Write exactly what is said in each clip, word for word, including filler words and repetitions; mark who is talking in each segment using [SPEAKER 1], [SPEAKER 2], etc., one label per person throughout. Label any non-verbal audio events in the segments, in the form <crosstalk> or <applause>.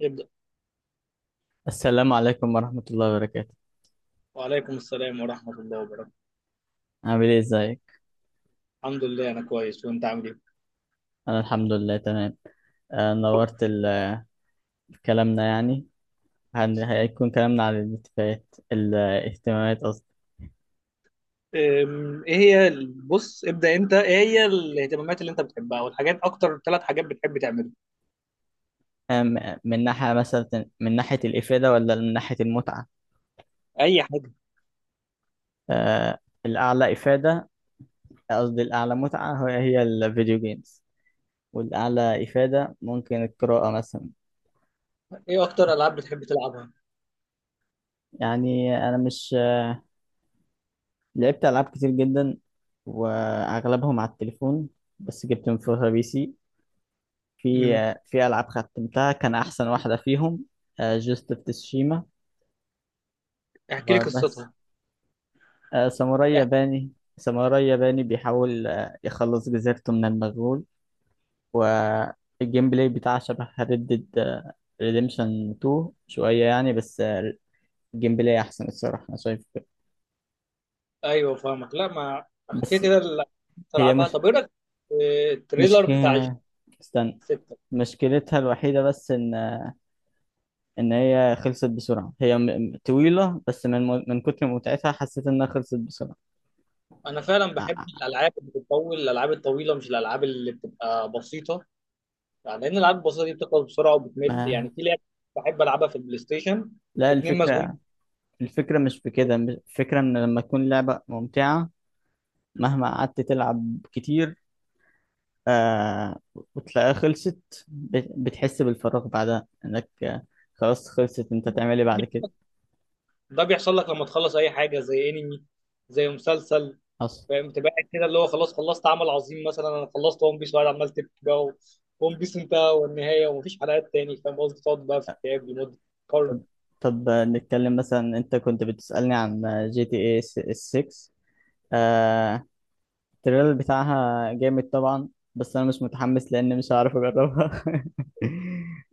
[SPEAKER 1] يبدأ.
[SPEAKER 2] السلام عليكم ورحمة الله وبركاته.
[SPEAKER 1] وعليكم السلام ورحمة الله وبركاته.
[SPEAKER 2] عامل ايه؟ ازيك؟
[SPEAKER 1] الحمد لله أنا كويس، وأنت عامل
[SPEAKER 2] أنا الحمد لله تمام. آه، نورت ال- آه، كلامنا يعني هن- هيكون كلامنا عن الاتفاقات الاهتمامات قصدي.
[SPEAKER 1] إيه؟ أم، إيه هي ال- بص ابدأ أنت، إيه هي الاهتمامات اللي أنت بتحبها والحاجات؟ أكتر ثلاث حاجات بتحب تعملها.
[SPEAKER 2] آه، م- من ناحية مثلا، من ناحية الإفادة ولا من ناحية المتعة؟
[SPEAKER 1] أي حاجة.
[SPEAKER 2] آه، الأعلى إفادة قصدي الأعلى متعة هي هي الفيديو جيمز، والأعلى إفادة ممكن القراءة مثلا.
[SPEAKER 1] إيه أكتر ألعاب بتحب تلعبها؟
[SPEAKER 2] يعني أنا مش، لعبت ألعاب كتير جدا وأغلبهم على التليفون، بس جبت من فترة بي سي. في
[SPEAKER 1] امم.
[SPEAKER 2] في ألعاب ختمتها، كان أحسن واحدة فيهم جوست اوف تسوشيما
[SPEAKER 1] احكي لي
[SPEAKER 2] وبس.
[SPEAKER 1] قصتها.
[SPEAKER 2] آه، ساموراي
[SPEAKER 1] اح...
[SPEAKER 2] ياباني. ساموراي ياباني بيحاول آه، يخلص جزيرته من المغول، والجيم بلاي بتاعه شبه ريد ديد ريديمشن تو شوية يعني، بس آه، الجيم بلاي أحسن الصراحة، أنا شايف كده.
[SPEAKER 1] أيوه فاهمك. لا ما، احكي
[SPEAKER 2] بس
[SPEAKER 1] كده اللي
[SPEAKER 2] هي
[SPEAKER 1] تلعبها.
[SPEAKER 2] مش
[SPEAKER 1] طب إيه رأيك في
[SPEAKER 2] مش
[SPEAKER 1] التريلر بتاع جي
[SPEAKER 2] استنى.
[SPEAKER 1] ستة؟
[SPEAKER 2] مشكلتها الوحيدة بس إن آه، إن هي خلصت بسرعة. هي م- م- طويلة، بس من من كتر متعتها حسيت إنها خلصت بسرعة.
[SPEAKER 1] أنا فعلا بحب الألعاب اللي بتطول، الألعاب الطويلة، مش الألعاب اللي بتبقى بسيطة. يعني لان الالعاب البسيطه دي بتخلص بسرعه وبتمل. يعني
[SPEAKER 2] ما،
[SPEAKER 1] في لعبه بحب العبها في البلاي ستيشن
[SPEAKER 2] لا،
[SPEAKER 1] اتنين، مسجونين.
[SPEAKER 2] الفكرة الفكرة مش في كده. الفكرة إن لما تكون لعبة ممتعة مهما قعدت تلعب كتير، آه وتلاقيها خلصت، بت- بتحس بالفراغ بعدها، إنك آه، خلاص خلصت، أنت تعمل إيه بعد كده؟
[SPEAKER 1] ده بيحصل لك لما تخلص اي حاجه زي انمي، زي مسلسل،
[SPEAKER 2] أصلا.
[SPEAKER 1] فاهم؟ تبقى قاعد كده اللي هو خلاص خلصت عمل عظيم. مثلا انا خلصت ون بيس وقاعد عمال تبكي بقى، و- ون بيس انتهى والنهايه ومفيش حلقات تاني. فاهم قصدي؟ تقعد بقى في اكتئاب لمده قرن.
[SPEAKER 2] طب. طب آه، نتكلم مثلا. أنت كنت بتسألني عن جي تي اي ستة. التريلر بتاعها جامد طبعا، بس انا مش متحمس لان مش هعرف اجربها <laughs>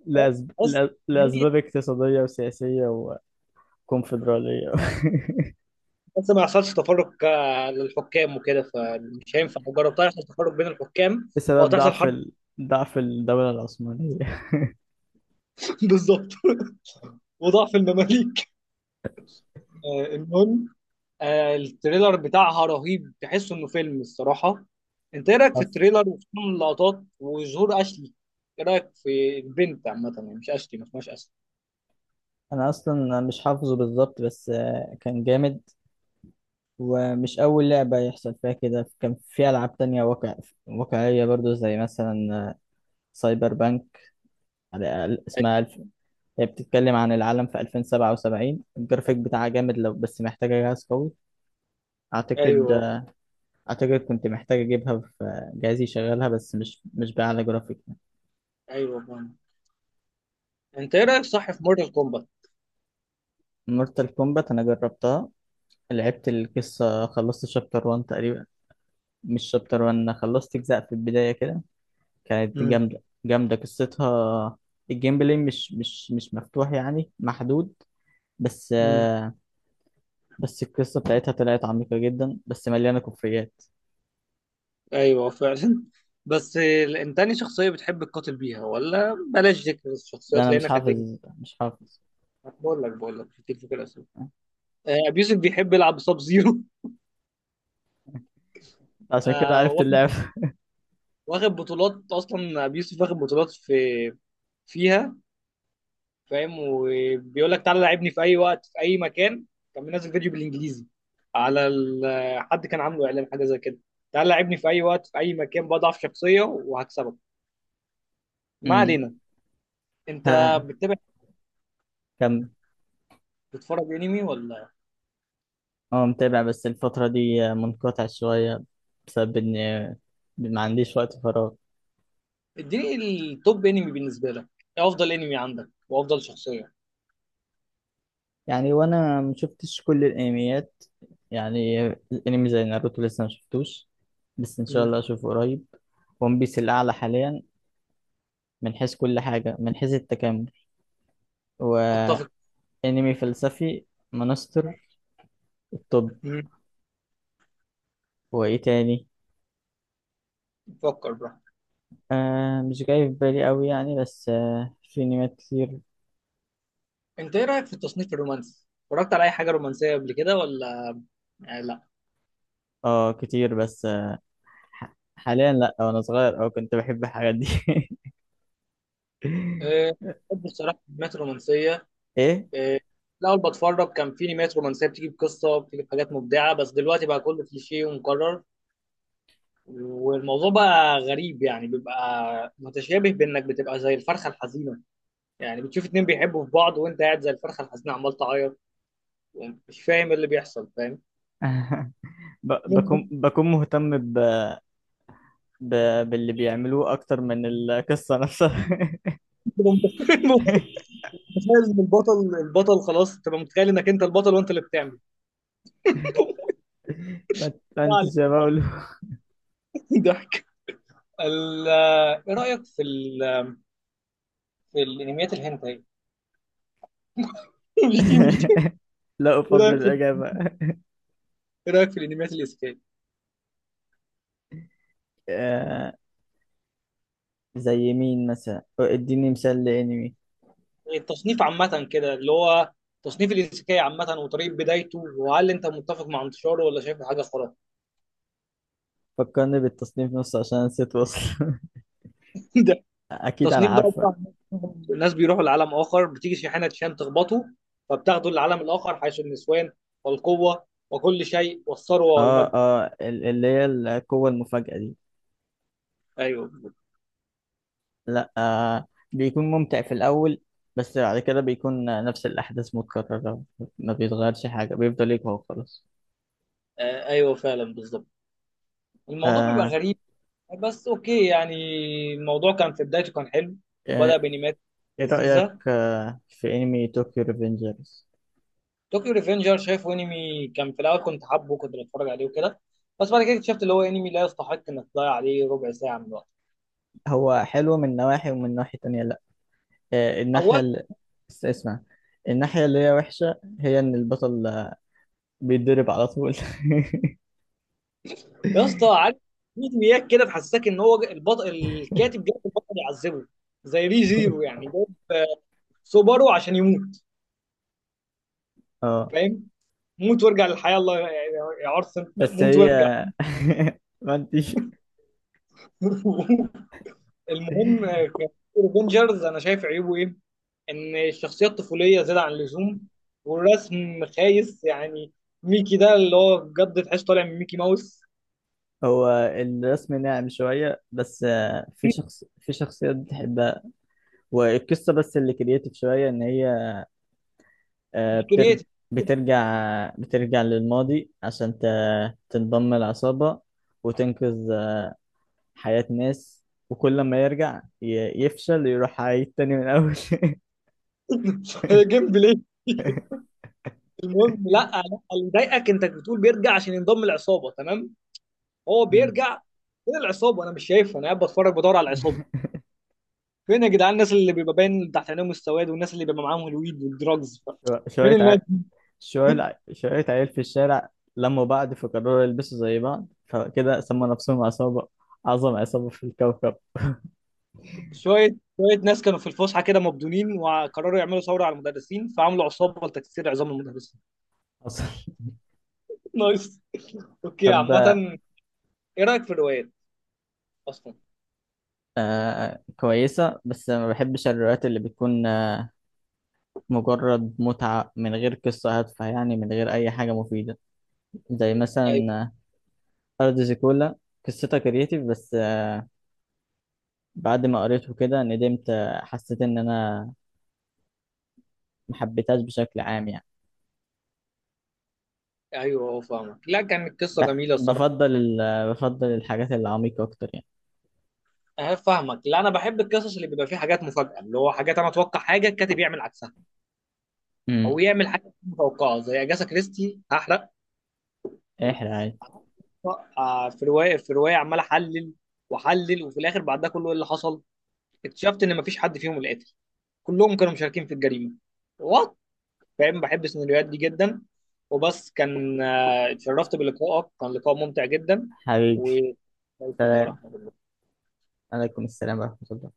[SPEAKER 2] لأسب...
[SPEAKER 1] بس
[SPEAKER 2] لأ- لاسباب اقتصاديه وسياسيه وكونفدراليه.
[SPEAKER 1] بس ما يحصلش تفرق آه، للحكام وكده، فمش هينفع لو جربتها يحصل تفرق بين الحكام
[SPEAKER 2] <laughs>
[SPEAKER 1] او
[SPEAKER 2] بسبب
[SPEAKER 1] تحصل
[SPEAKER 2] ضعف
[SPEAKER 1] حرب.
[SPEAKER 2] ال... ضعف الدوله العثمانيه.
[SPEAKER 1] <laughs> بالظبط. وضعف المماليك. آه، المهم، آه، التريلر بتاعها رهيب، تحس انه فيلم الصراحه. انت ايه رايك في
[SPEAKER 2] حف-
[SPEAKER 1] التريلر، وخصوصا اللقطات وظهور اشلي؟ ايه رايك في البنت عامه؟ يعني مش اشلي، ما اسمهاش اشلي.
[SPEAKER 2] انا اصلا مش حافظه بالظبط، بس آه، كان جامد. ومش اول لعبه يحصل فيها كده، كان في العاب تانية واقع... واقعيه برضو، زي مثلا سايبر بانك. على اسمها، هي بتتكلم عن العالم في ألفين وسبعة وسبعين. الجرافيك بتاعها جامد، لو بس محتاجة جهاز قوي. أعتقد.
[SPEAKER 1] ايوه.
[SPEAKER 2] أعتقد كنت محتاج أجيبها في جهاز يشغلها، بس مش مش بأعلى جرافيك.
[SPEAKER 1] ايوه بان. انت ايه رايك صح في مورتال كومبات؟
[SPEAKER 2] مورتال كومبات أنا جربتها، لعبت القصة، خلصت شابتر ون تقريبا. مش شابتر ون، أنا خلصت أجزاء في البداية كده. كانت
[SPEAKER 1] امم.
[SPEAKER 2] جامدة جامدة قصتها. الجيم بلاي مش مش مش مفتوح، يعني محدود. بس
[SPEAKER 1] امم.
[SPEAKER 2] آه، بس القصة بتاعتها طلعت عميقة جدا، بس مليانة كوفيات.
[SPEAKER 1] ايوه فعلا. <laughs> بس ال- انت انهي شخصيه بتحب تقاتل بيها؟ ولا بلاش ذكر
[SPEAKER 2] ده
[SPEAKER 1] الشخصيات
[SPEAKER 2] أنا مش
[SPEAKER 1] لانك هتلاقي.
[SPEAKER 2] حافظ مش حافظ.
[SPEAKER 1] بقول لك بقول لك كتير في كده اسئله. ابيوسف بيحب يلعب بساب زيرو.
[SPEAKER 2] عشان كده عرفت اللعب.
[SPEAKER 1] <laughs> واخد بطولات اصلا ابي يوسف، واخد بطولات في فيها. فاهم؟ وبيقول لك تعالى لعبني في اي وقت في اي مكان. كان منزل فيديو بالانجليزي على ال- حد كان عامله اعلان حاجه زي كده، تعالى لعبني في اي وقت في اي مكان بضعف شخصيه وهكسبك. ما
[SPEAKER 2] امم.
[SPEAKER 1] علينا. انت
[SPEAKER 2] <laughs> ها؟
[SPEAKER 1] بتتابع،
[SPEAKER 2] كم؟
[SPEAKER 1] بتتفرج انمي ولا؟
[SPEAKER 2] هو متابع، بس الفترة دي منقطع شوية، بسبب إن ما عنديش وقت فراغ.
[SPEAKER 1] اديني التوب انمي بالنسبه لك. ايه افضل انمي عندك؟ وافضل شخصيه؟
[SPEAKER 2] يعني، وأنا مشفتش كل الأنميات. يعني الأنمي زي ناروتو لسه مشفتوش، بس إن شاء
[SPEAKER 1] مم.
[SPEAKER 2] الله أشوفه قريب. ون بيس الأعلى حاليا، من حيث كل حاجة، من حيث التكامل،
[SPEAKER 1] اتفق.
[SPEAKER 2] وأنمي فلسفي. مانستر. الطب.
[SPEAKER 1] مم.
[SPEAKER 2] وإيه تاني؟
[SPEAKER 1] فكر براحتك.
[SPEAKER 2] آه مش جاي في بالي أوي يعني، بس آه في أنميات كتير.
[SPEAKER 1] انت ايه رايك في التصنيف الرومانسي؟ اتفرجت على اي حاجه رومانسيه قبل كده ولا؟ يعني لا.
[SPEAKER 2] اه كتير، بس ح- حاليا لا. وانا صغير اه كنت بحب الحاجات دي.
[SPEAKER 1] أه،
[SPEAKER 2] <laughs>
[SPEAKER 1] بحب بصراحة الأنميات الرومانسية.
[SPEAKER 2] ايه؟
[SPEAKER 1] أه، الأول بتفرج كان في أنميات رومانسية بتيجي بقصة، بتيجي بحاجات مبدعة. بس دلوقتي بقى كله كليشيه ومكرر، والموضوع بقى غريب. يعني بيبقى متشابه بإنك بتبقى زي الفرخة الحزينة. يعني بتشوف اتنين بيحبوا في بعض، وأنت قاعد زي الفرخة الحزينة عمال تعيط، ومش فاهم إيه اللي بيحصل، فاهم؟
[SPEAKER 2] <laughs> ب- بكون
[SPEAKER 1] <laughs>
[SPEAKER 2] بكون مهتم ب... ب... باللي بيعملوه اكتر من القصة نفسها. <laughs>
[SPEAKER 1] متخيل إن البطل، البطل خلاص تبقى متخيل إنك أنت البطل وأنت اللي بتعمل. <laughs>
[SPEAKER 2] ما تفهمتش يا مولو.
[SPEAKER 1] ضحك. ال- آه، إيه رأيك في ال الانميات الهنتاي؟ <laughs> مش دي مش دي.
[SPEAKER 2] <laughs> لا،
[SPEAKER 1] ايه
[SPEAKER 2] افضل
[SPEAKER 1] رايك في،
[SPEAKER 2] الاجابة.
[SPEAKER 1] ايه رايك في الانميات الايسيكاي؟
[SPEAKER 2] آه، زي مين مثلا؟ اديني مثال لانمي.
[SPEAKER 1] التصنيف عامه كده اللي هو، تصنيف الايسيكاي عامه وطريقه بدايته، وهل انت متفق مع انتشاره ولا شايفه حاجه خرافه؟
[SPEAKER 2] فكرني بالتصنيف نص، عشان نسيت وصل.
[SPEAKER 1] <laughs> ده
[SPEAKER 2] <laughs> اكيد انا
[SPEAKER 1] التصنيف ده عبارة
[SPEAKER 2] عارفة.
[SPEAKER 1] عن الناس بيروحوا لعالم اخر. بتيجي شاحنه شان تخبطه، فبتاخده للعالم الاخر، حيث النسوان والقوه وكل شيء والثروه
[SPEAKER 2] اه
[SPEAKER 1] والمجد.
[SPEAKER 2] اه ال- اللي هي القوة المفاجأة دي.
[SPEAKER 1] ايوه.
[SPEAKER 2] لا، آه بيكون ممتع في الأول، بس بعد كده بيكون آه، نفس الأحداث متكررة. ما بيتغيرش حاجة، بيفضل يقوى وخلاص.
[SPEAKER 1] آه ايوه فعلا بالظبط، الموضوع بيبقى
[SPEAKER 2] آه.
[SPEAKER 1] غريب. بس اوكي يعني، الموضوع كان في بدايته كان حلو، وبدا
[SPEAKER 2] آه،
[SPEAKER 1] بانيمات
[SPEAKER 2] إيه رأيك
[SPEAKER 1] لذيذه.
[SPEAKER 2] آه في أنمي طوكيو ريفنجرز؟
[SPEAKER 1] طوكيو ريفنجر شايفه انمي كان في الاول كنت حابه كنت بتفرج عليه وكده، بس بعد كده اكتشفت اللي هو انمي لا يستحق انك تضيع عليه ربع ساعه من وقتك.
[SPEAKER 2] هو حلو من نواحي، ومن ناحية تانية لأ. آه
[SPEAKER 1] اولا،
[SPEAKER 2] الناحية اللي، اسمع. الناحية اللي هي وحشة هي إن البطل آه، بيتضرب على طول. <laughs>
[SPEAKER 1] يا اسطى عارف، في انميات كده تحسسك ان هو البطل الكاتب جايب البطل يعذبه. زي ري زيرو، يعني جايب آه، سوبارو عشان يموت.
[SPEAKER 2] اه،
[SPEAKER 1] فاهم؟ موت وارجع للحياه، الله يا يا عرس،
[SPEAKER 2] بس
[SPEAKER 1] موت
[SPEAKER 2] هي.
[SPEAKER 1] وارجع.
[SPEAKER 2] <laughs> ما انتش.
[SPEAKER 1] <laughs> المهم، آه، افنجرز انا شايف عيوبه ايه. ان الشخصيه الطفوليه زياده عن اللزوم، والرسم خايس يعني. ميكي ده اللي هو بجد تحس طالع من ميكي ماوس.
[SPEAKER 2] هو الرسم ناعم شوية، بس آه، في شخص في شخصيات بتحبها، والقصة بس اللي كرياتيف شوية. إن هي آه،
[SPEAKER 1] مش
[SPEAKER 2] بترج...
[SPEAKER 1] كرييتيف.
[SPEAKER 2] بترجع بترجع للماضي عشان ت... تنضم العصابة وتنقذ آه، حياة ناس. وكل ما يرجع ي... يفشل، يروح عيد تاني من أول. <laughs>
[SPEAKER 1] <laughs> هي جيم بلاي. المهم، لا لا، اللي ضايقك انت بتقول بيرجع عشان ينضم العصابه، تمام. هو
[SPEAKER 2] مم.
[SPEAKER 1] بيرجع فين العصابه؟ انا مش شايفها، انا قاعد بتفرج بدور على العصابه. فين يا جدعان الناس اللي بيبقى باين تحت عينيهم السواد، والناس اللي بيبقى معاهم الويد والدراجز؟
[SPEAKER 2] شو-
[SPEAKER 1] فين
[SPEAKER 2] شوية
[SPEAKER 1] الناس؟
[SPEAKER 2] ع... شوية شوية عيال في الشارع لموا بعض، فقرروا يلبسوا زي بعض، فكده سموا نفسهم عصابة، أعظم عصابة في الكوكب.
[SPEAKER 1] شويه شويه ناس كانوا في الفسحه كده مبدونين، وقرروا يعملوا ثوره على المدرسين، فعملوا عصابه لتكسير عظام المدرسين.
[SPEAKER 2] حصل.
[SPEAKER 1] <laughs> نايس. اوكي
[SPEAKER 2] حبة.
[SPEAKER 1] عامه، ايه رايك في الروايات اصلا؟
[SPEAKER 2] آه كويسة، بس ما بحبش الروايات اللي بتكون آه مجرد متعة من غير قصة هادفة، يعني من غير أي حاجة مفيدة. زي
[SPEAKER 1] ايوه.
[SPEAKER 2] مثلا آه، أرض زيكولا. قصتها كرياتيف، بس آه بعد ما قريته كده ندمت، آه حسيت إن أنا ما حبيتهاش بشكل عام يعني.
[SPEAKER 1] ايوه هو فاهمك، لا كانت قصه
[SPEAKER 2] ب-
[SPEAKER 1] جميله الصراحه.
[SPEAKER 2] بفضل ال- آه، بفضل الحاجات العميقة أكتر يعني.
[SPEAKER 1] انا فاهمك، لا انا بحب القصص اللي بيبقى فيها حاجات مفاجاه، اللي هو حاجات انا اتوقع حاجه الكاتب يعمل عكسها، او
[SPEAKER 2] امم.
[SPEAKER 1] يعمل حاجه مش متوقعه. زي اجاسا كريستي، هحرق،
[SPEAKER 2] احرق عادي.
[SPEAKER 1] آه، في روايه، في روايه عمال احلل واحلل، وفي الاخر بعد ده كله ايه اللي حصل؟ اكتشفت ان مفيش حد فيهم القاتل، كلهم كانوا مشاركين في الجريمه. وات، فاهم؟ بحب السيناريوهات دي جدا. وبس، كان آه، اتشرفت بلقائك، كان لقاء ممتع جدا. و
[SPEAKER 2] حبيبي.
[SPEAKER 1] عليكم
[SPEAKER 2] سلام.
[SPEAKER 1] ورحمه الله.
[SPEAKER 2] عليكم السلام ورحمة الله.